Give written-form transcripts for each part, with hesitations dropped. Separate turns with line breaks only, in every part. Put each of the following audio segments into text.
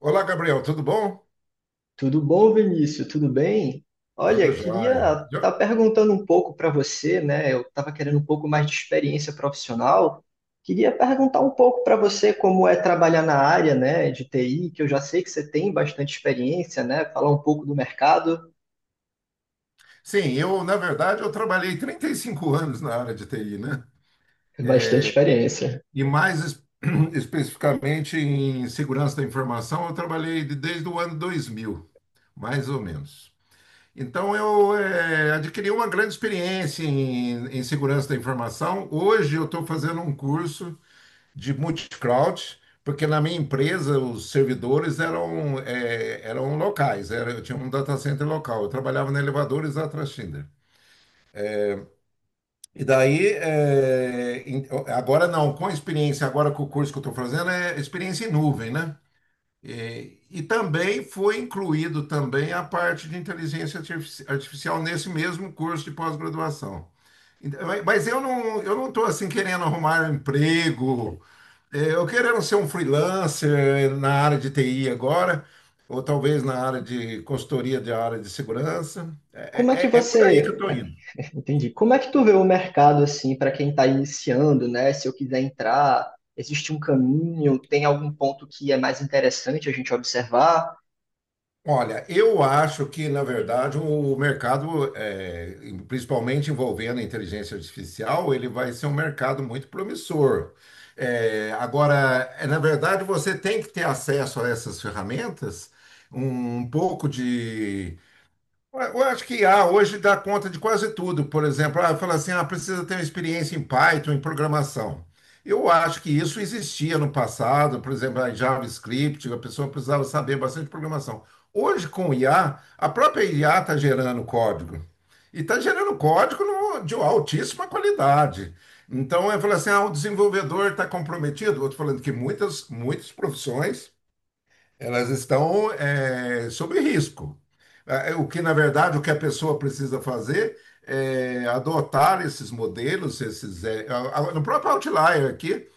Olá, Gabriel, tudo bom?
Tudo bom, Vinícius? Tudo bem?
Tudo
Olha, queria
jóia.
estar tá perguntando um pouco para você, né? Eu estava querendo um pouco mais de experiência profissional. Queria perguntar um pouco para você como é trabalhar na área, né, de TI, que eu já sei que você tem bastante experiência, né? Falar um pouco do mercado,
Sim, na verdade, eu trabalhei 35 anos na área de TI, né?
bastante experiência.
E mais especificamente em segurança da informação, eu trabalhei desde o ano 2000, mais ou menos. Então, eu adquiri uma grande experiência em segurança da informação. Hoje, eu estou fazendo um curso de multi-cloud, porque na minha empresa os servidores eram locais, eu tinha um data center local, eu trabalhava na Elevadores da Atrashinder. E daí, agora não, com a experiência, agora com o curso que eu estou fazendo, é experiência em nuvem, né? E também foi incluído também a parte de inteligência artificial nesse mesmo curso de pós-graduação. Então, mas eu não estou assim querendo arrumar um emprego, eu querendo ser um freelancer na área de TI agora, ou talvez na área de consultoria de área de segurança.
Como é
É,
que
é por aí que eu
você,
estou indo.
entendi? Como é que tu vê o mercado assim para quem está iniciando, né? Se eu quiser entrar, existe um caminho? Tem algum ponto que é mais interessante a gente observar?
Olha, eu acho que, na verdade, o mercado, principalmente envolvendo a inteligência artificial, ele vai ser um mercado muito promissor. É, agora, na verdade, você tem que ter acesso a essas ferramentas, um pouco de. Eu acho que I a hoje dá conta de quase tudo. Por exemplo, ah, fala assim, ah, precisa ter uma experiência em Python, em programação. Eu acho que isso existia no passado, por exemplo, em JavaScript, a pessoa precisava saber bastante programação. Hoje, com o IA, a própria IA está gerando código. E está gerando código de altíssima qualidade. Então, eu falo assim, ah, o desenvolvedor está comprometido. Outro falando que muitas, muitas profissões elas estão sob risco. Ah, o que a pessoa precisa fazer é adotar esses modelos, esses, eh, a- no próprio Outlier aqui,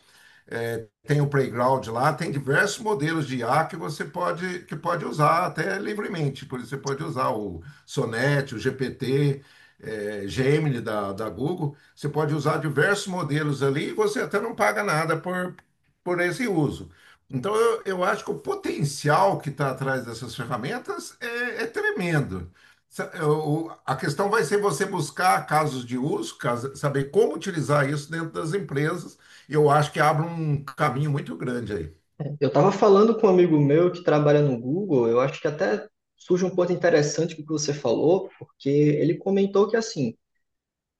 tem o playground lá, tem diversos modelos de IA que que pode usar até livremente. Por isso, você pode usar o Sonnet, o GPT, Gemini da Google. Você pode usar diversos modelos ali e você até não paga nada por esse uso. Então, eu acho que o potencial que está atrás dessas ferramentas é tremendo. A questão vai ser você buscar casos de uso, saber como utilizar isso dentro das empresas eu acho que abre um caminho muito grande aí.
Eu estava falando com um amigo meu que trabalha no Google, eu acho que até surge um ponto interessante com o que você falou, porque ele comentou que, assim,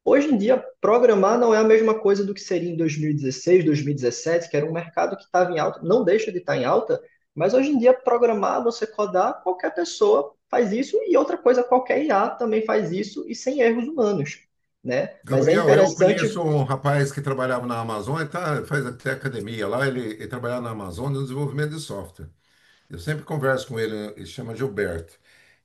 hoje em dia, programar não é a mesma coisa do que seria em 2016, 2017, que era um mercado que estava em alta, não deixa de estar em alta, mas hoje em dia, programar, você codar, qualquer pessoa faz isso, e outra coisa, qualquer IA também faz isso, e sem erros humanos, né? Mas é
Gabriel, eu conheço
interessante
um rapaz que trabalhava na Amazônia, tá, faz até academia lá, ele trabalhava na Amazônia no desenvolvimento de software. Eu sempre converso com ele, ele chama Gilberto.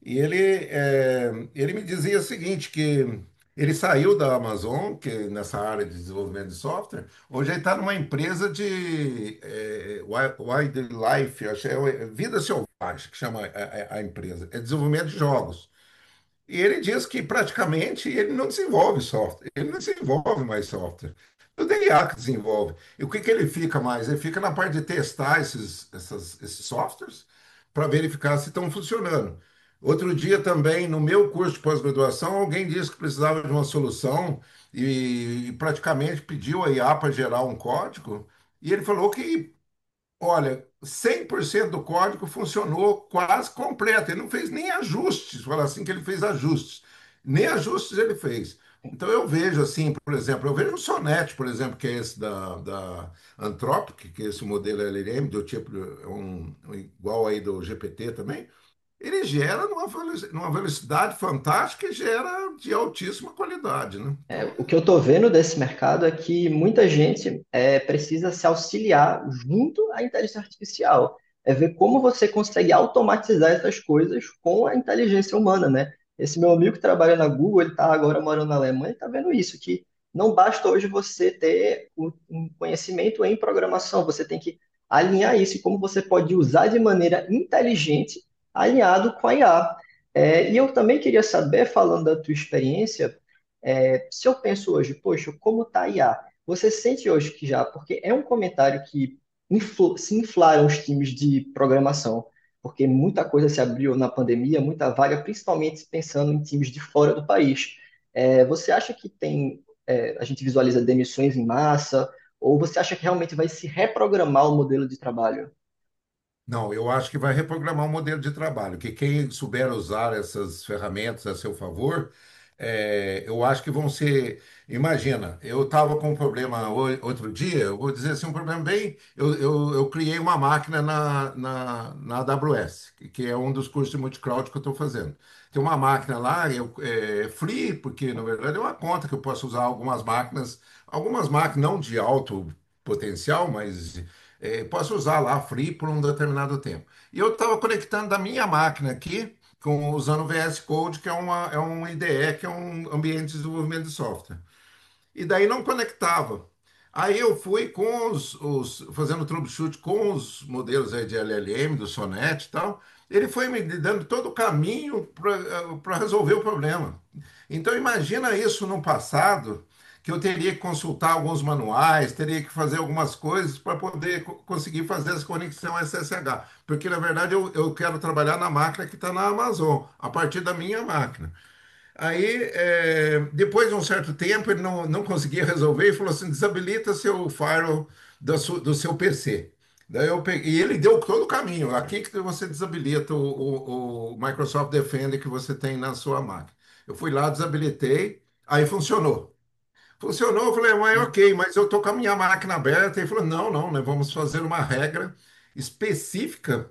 E ele me dizia o seguinte, que ele saiu da Amazon, que é nessa área de desenvolvimento de software, hoje ele está numa empresa de wildlife, acho que vida selvagem, que chama a empresa, é desenvolvimento de jogos. E ele diz que praticamente ele não desenvolve software, ele não desenvolve mais software. O dia que desenvolve. E o que que ele fica mais? Ele fica na parte de testar esses, esses softwares para verificar se estão funcionando. Outro dia também, no meu curso de pós-graduação, alguém disse que precisava de uma solução e praticamente pediu a IA para gerar um código. E ele falou que olha, 100% do código funcionou quase completo. Ele não fez nem ajustes, fala assim que ele fez ajustes. Nem ajustes ele fez. Então eu vejo assim, por exemplo, eu vejo o Sonnet, por exemplo, que é esse da Anthropic, que é esse modelo LLM, do tipo é um igual aí do GPT também, ele gera numa velocidade fantástica e gera de altíssima qualidade, né? Então.
o que eu estou vendo desse mercado é que muita gente é, precisa se auxiliar junto à inteligência artificial. É ver como você consegue automatizar essas coisas com a inteligência humana, né? Esse meu amigo que trabalha na Google, ele está agora morando na Alemanha, está vendo isso, que não basta hoje você ter um conhecimento em programação, você tem que alinhar isso e como você pode usar de maneira inteligente, alinhado com a IA. É, e eu também queria saber, falando da tua experiência, é, se eu penso hoje, poxa, como tá a IA? Você sente hoje que já, porque é um comentário que se inflaram os times de programação, porque muita coisa se abriu na pandemia, muita vaga, principalmente pensando em times de fora do país. É, você acha que tem, é, a gente visualiza demissões em massa, ou você acha que realmente vai se reprogramar o modelo de trabalho?
Não, eu acho que vai reprogramar o modelo de trabalho, que quem souber usar essas ferramentas a seu favor, eu acho que vão ser. Imagina, eu estava com um problema outro dia, eu vou dizer assim, um problema bem. Eu criei uma máquina na AWS, que é um dos cursos de multicloud que eu estou fazendo. Tem uma máquina lá, eu, é free, porque na verdade é uma conta que eu posso usar algumas máquinas não de alto potencial, mas posso usar lá free por um determinado tempo. E eu estava conectando da minha máquina aqui, usando o VS Code, que é um IDE, que é um ambiente de desenvolvimento de software e daí não conectava. Aí eu fui fazendo troubleshoot com os modelos aí de LLM, do Sonnet e tal. Ele foi me dando todo o caminho para resolver o problema. Então imagina isso no passado, que eu teria que consultar alguns manuais, teria que fazer algumas coisas para poder conseguir fazer essa conexão SSH. Porque na verdade eu quero trabalhar na máquina que está na Amazon, a partir da minha máquina. Aí, depois de um certo tempo, ele não conseguia resolver e falou assim: desabilita seu firewall do seu PC. Daí eu peguei, e ele deu todo o caminho. Aqui que você desabilita o Microsoft Defender que você tem na sua máquina. Eu fui lá, desabilitei, aí funcionou. Funcionou, eu falei, ué,
Hum.
ok, mas eu tô com a minha máquina aberta. Ele falou, não, não, nós vamos fazer uma regra específica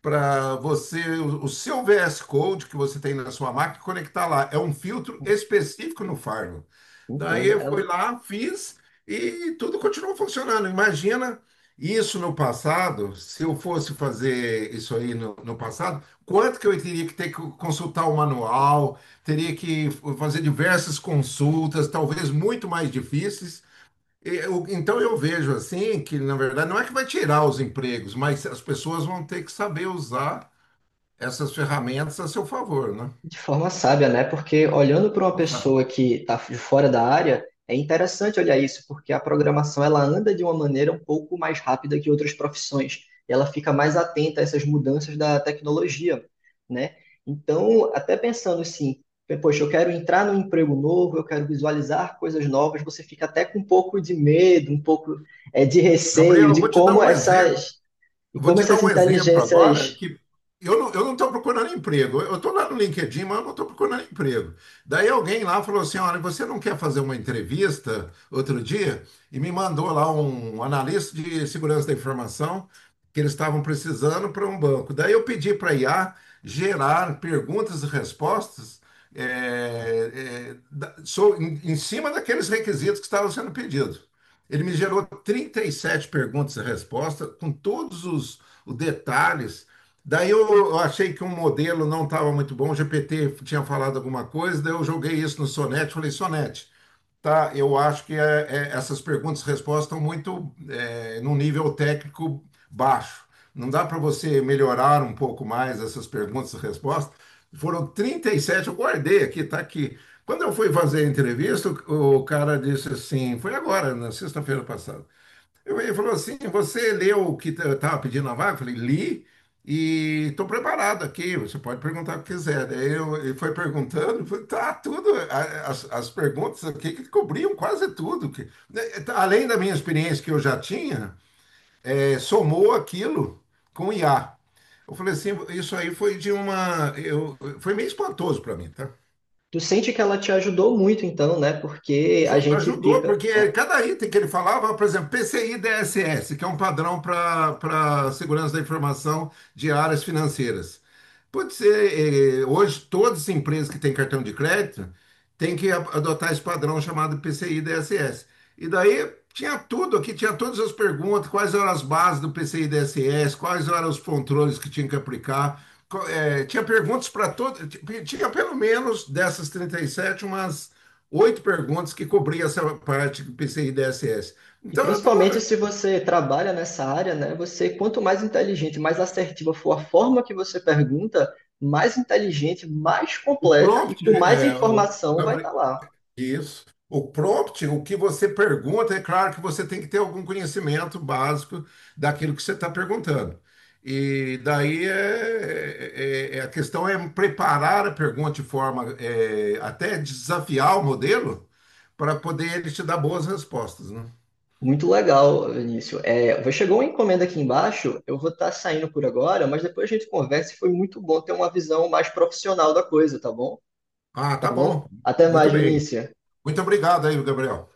para você, o seu VS Code que você tem na sua máquina, conectar lá. É um filtro específico no Firewall. Daí
Entendo.
eu
É
fui
um,
lá, fiz e tudo continuou funcionando. Imagina isso no passado, se eu fosse fazer isso aí no passado, quanto que eu teria que ter que consultar o manual, teria que fazer diversas consultas, talvez muito mais difíceis. Então eu vejo assim que, na verdade, não é que vai tirar os empregos, mas as pessoas vão ter que saber usar essas ferramentas a seu favor, né?
de forma sábia, né? Porque olhando para uma
Nossa.
pessoa que está de fora da área, é interessante olhar isso, porque a programação ela anda de uma maneira um pouco mais rápida que outras profissões, e ela fica mais atenta a essas mudanças da tecnologia, né? Então, até pensando assim, poxa, eu quero entrar num emprego novo, eu quero visualizar coisas novas, você fica até com um pouco de medo, um pouco de receio
Gabriel, eu
de
vou te dar um exemplo. Eu vou
como
te dar
essas
um exemplo agora
inteligências.
que eu não estou procurando emprego. Eu estou lá no LinkedIn, mas eu não estou procurando emprego. Daí alguém lá falou assim: olha, você não quer fazer uma entrevista outro dia? E me mandou lá um analista de segurança da informação que eles estavam precisando para um banco. Daí eu pedi para a IA gerar perguntas e respostas eh, em cima daqueles requisitos que estavam sendo pedidos. Ele me gerou 37 perguntas e respostas, com todos os detalhes. Daí eu achei que um modelo não estava muito bom, o GPT tinha falado alguma coisa, daí eu joguei isso no Sonete, falei, Sonete, tá, eu acho que essas perguntas e respostas estão muito num nível técnico baixo. Não dá para você melhorar um pouco mais essas perguntas e respostas? Foram 37 eu guardei aqui, tá aqui. Quando eu fui fazer a entrevista, o cara disse assim, foi agora, na sexta-feira passada. Ele falou assim: Você leu o que eu estava pedindo na vaga? Eu falei: Li e estou preparado aqui. Você pode perguntar o que quiser. Daí eu, ele foi perguntando, eu falei, tá tudo. As perguntas aqui que cobriam quase tudo. Além da minha experiência que eu já tinha, somou aquilo com o IA. Eu falei assim: Isso aí foi de uma. Foi meio espantoso para mim, tá?
Tu sente que ela te ajudou muito, então, né? Porque a gente
Ajudou,
fica, né?
porque cada item que ele falava, por exemplo, PCI DSS, que é um padrão para segurança da informação de áreas financeiras. Pode ser, hoje, todas as empresas que têm cartão de crédito, tem que adotar esse padrão chamado PCI DSS. E daí tinha tudo aqui, tinha todas as perguntas, quais eram as bases do PCI DSS, quais eram os controles que tinha que aplicar. Tinha perguntas para todo, tinha pelo menos dessas 37 umas oito perguntas que cobria essa parte do PCI DSS.
E
Então eu
principalmente
tava,
se você trabalha nessa área, né? Você, quanto mais inteligente, mais assertiva for a forma que você pergunta, mais inteligente, mais
o
completa e
prompt,
com mais
eh, o-
informação vai estar lá.
Isso. O prompt, o que você pergunta, é claro que você tem que ter algum conhecimento básico daquilo que você está perguntando. E daí a questão é preparar a pergunta de forma até desafiar o modelo para poder ele te dar boas respostas, né?
Muito legal, Vinícius. É, chegou uma encomenda aqui embaixo, eu vou estar saindo por agora, mas depois a gente conversa e foi muito bom ter uma visão mais profissional da coisa, tá bom?
Ah,
Tá
tá bom.
bom? Até
Muito
mais,
bem.
Vinícius.
Muito obrigado aí, Gabriel.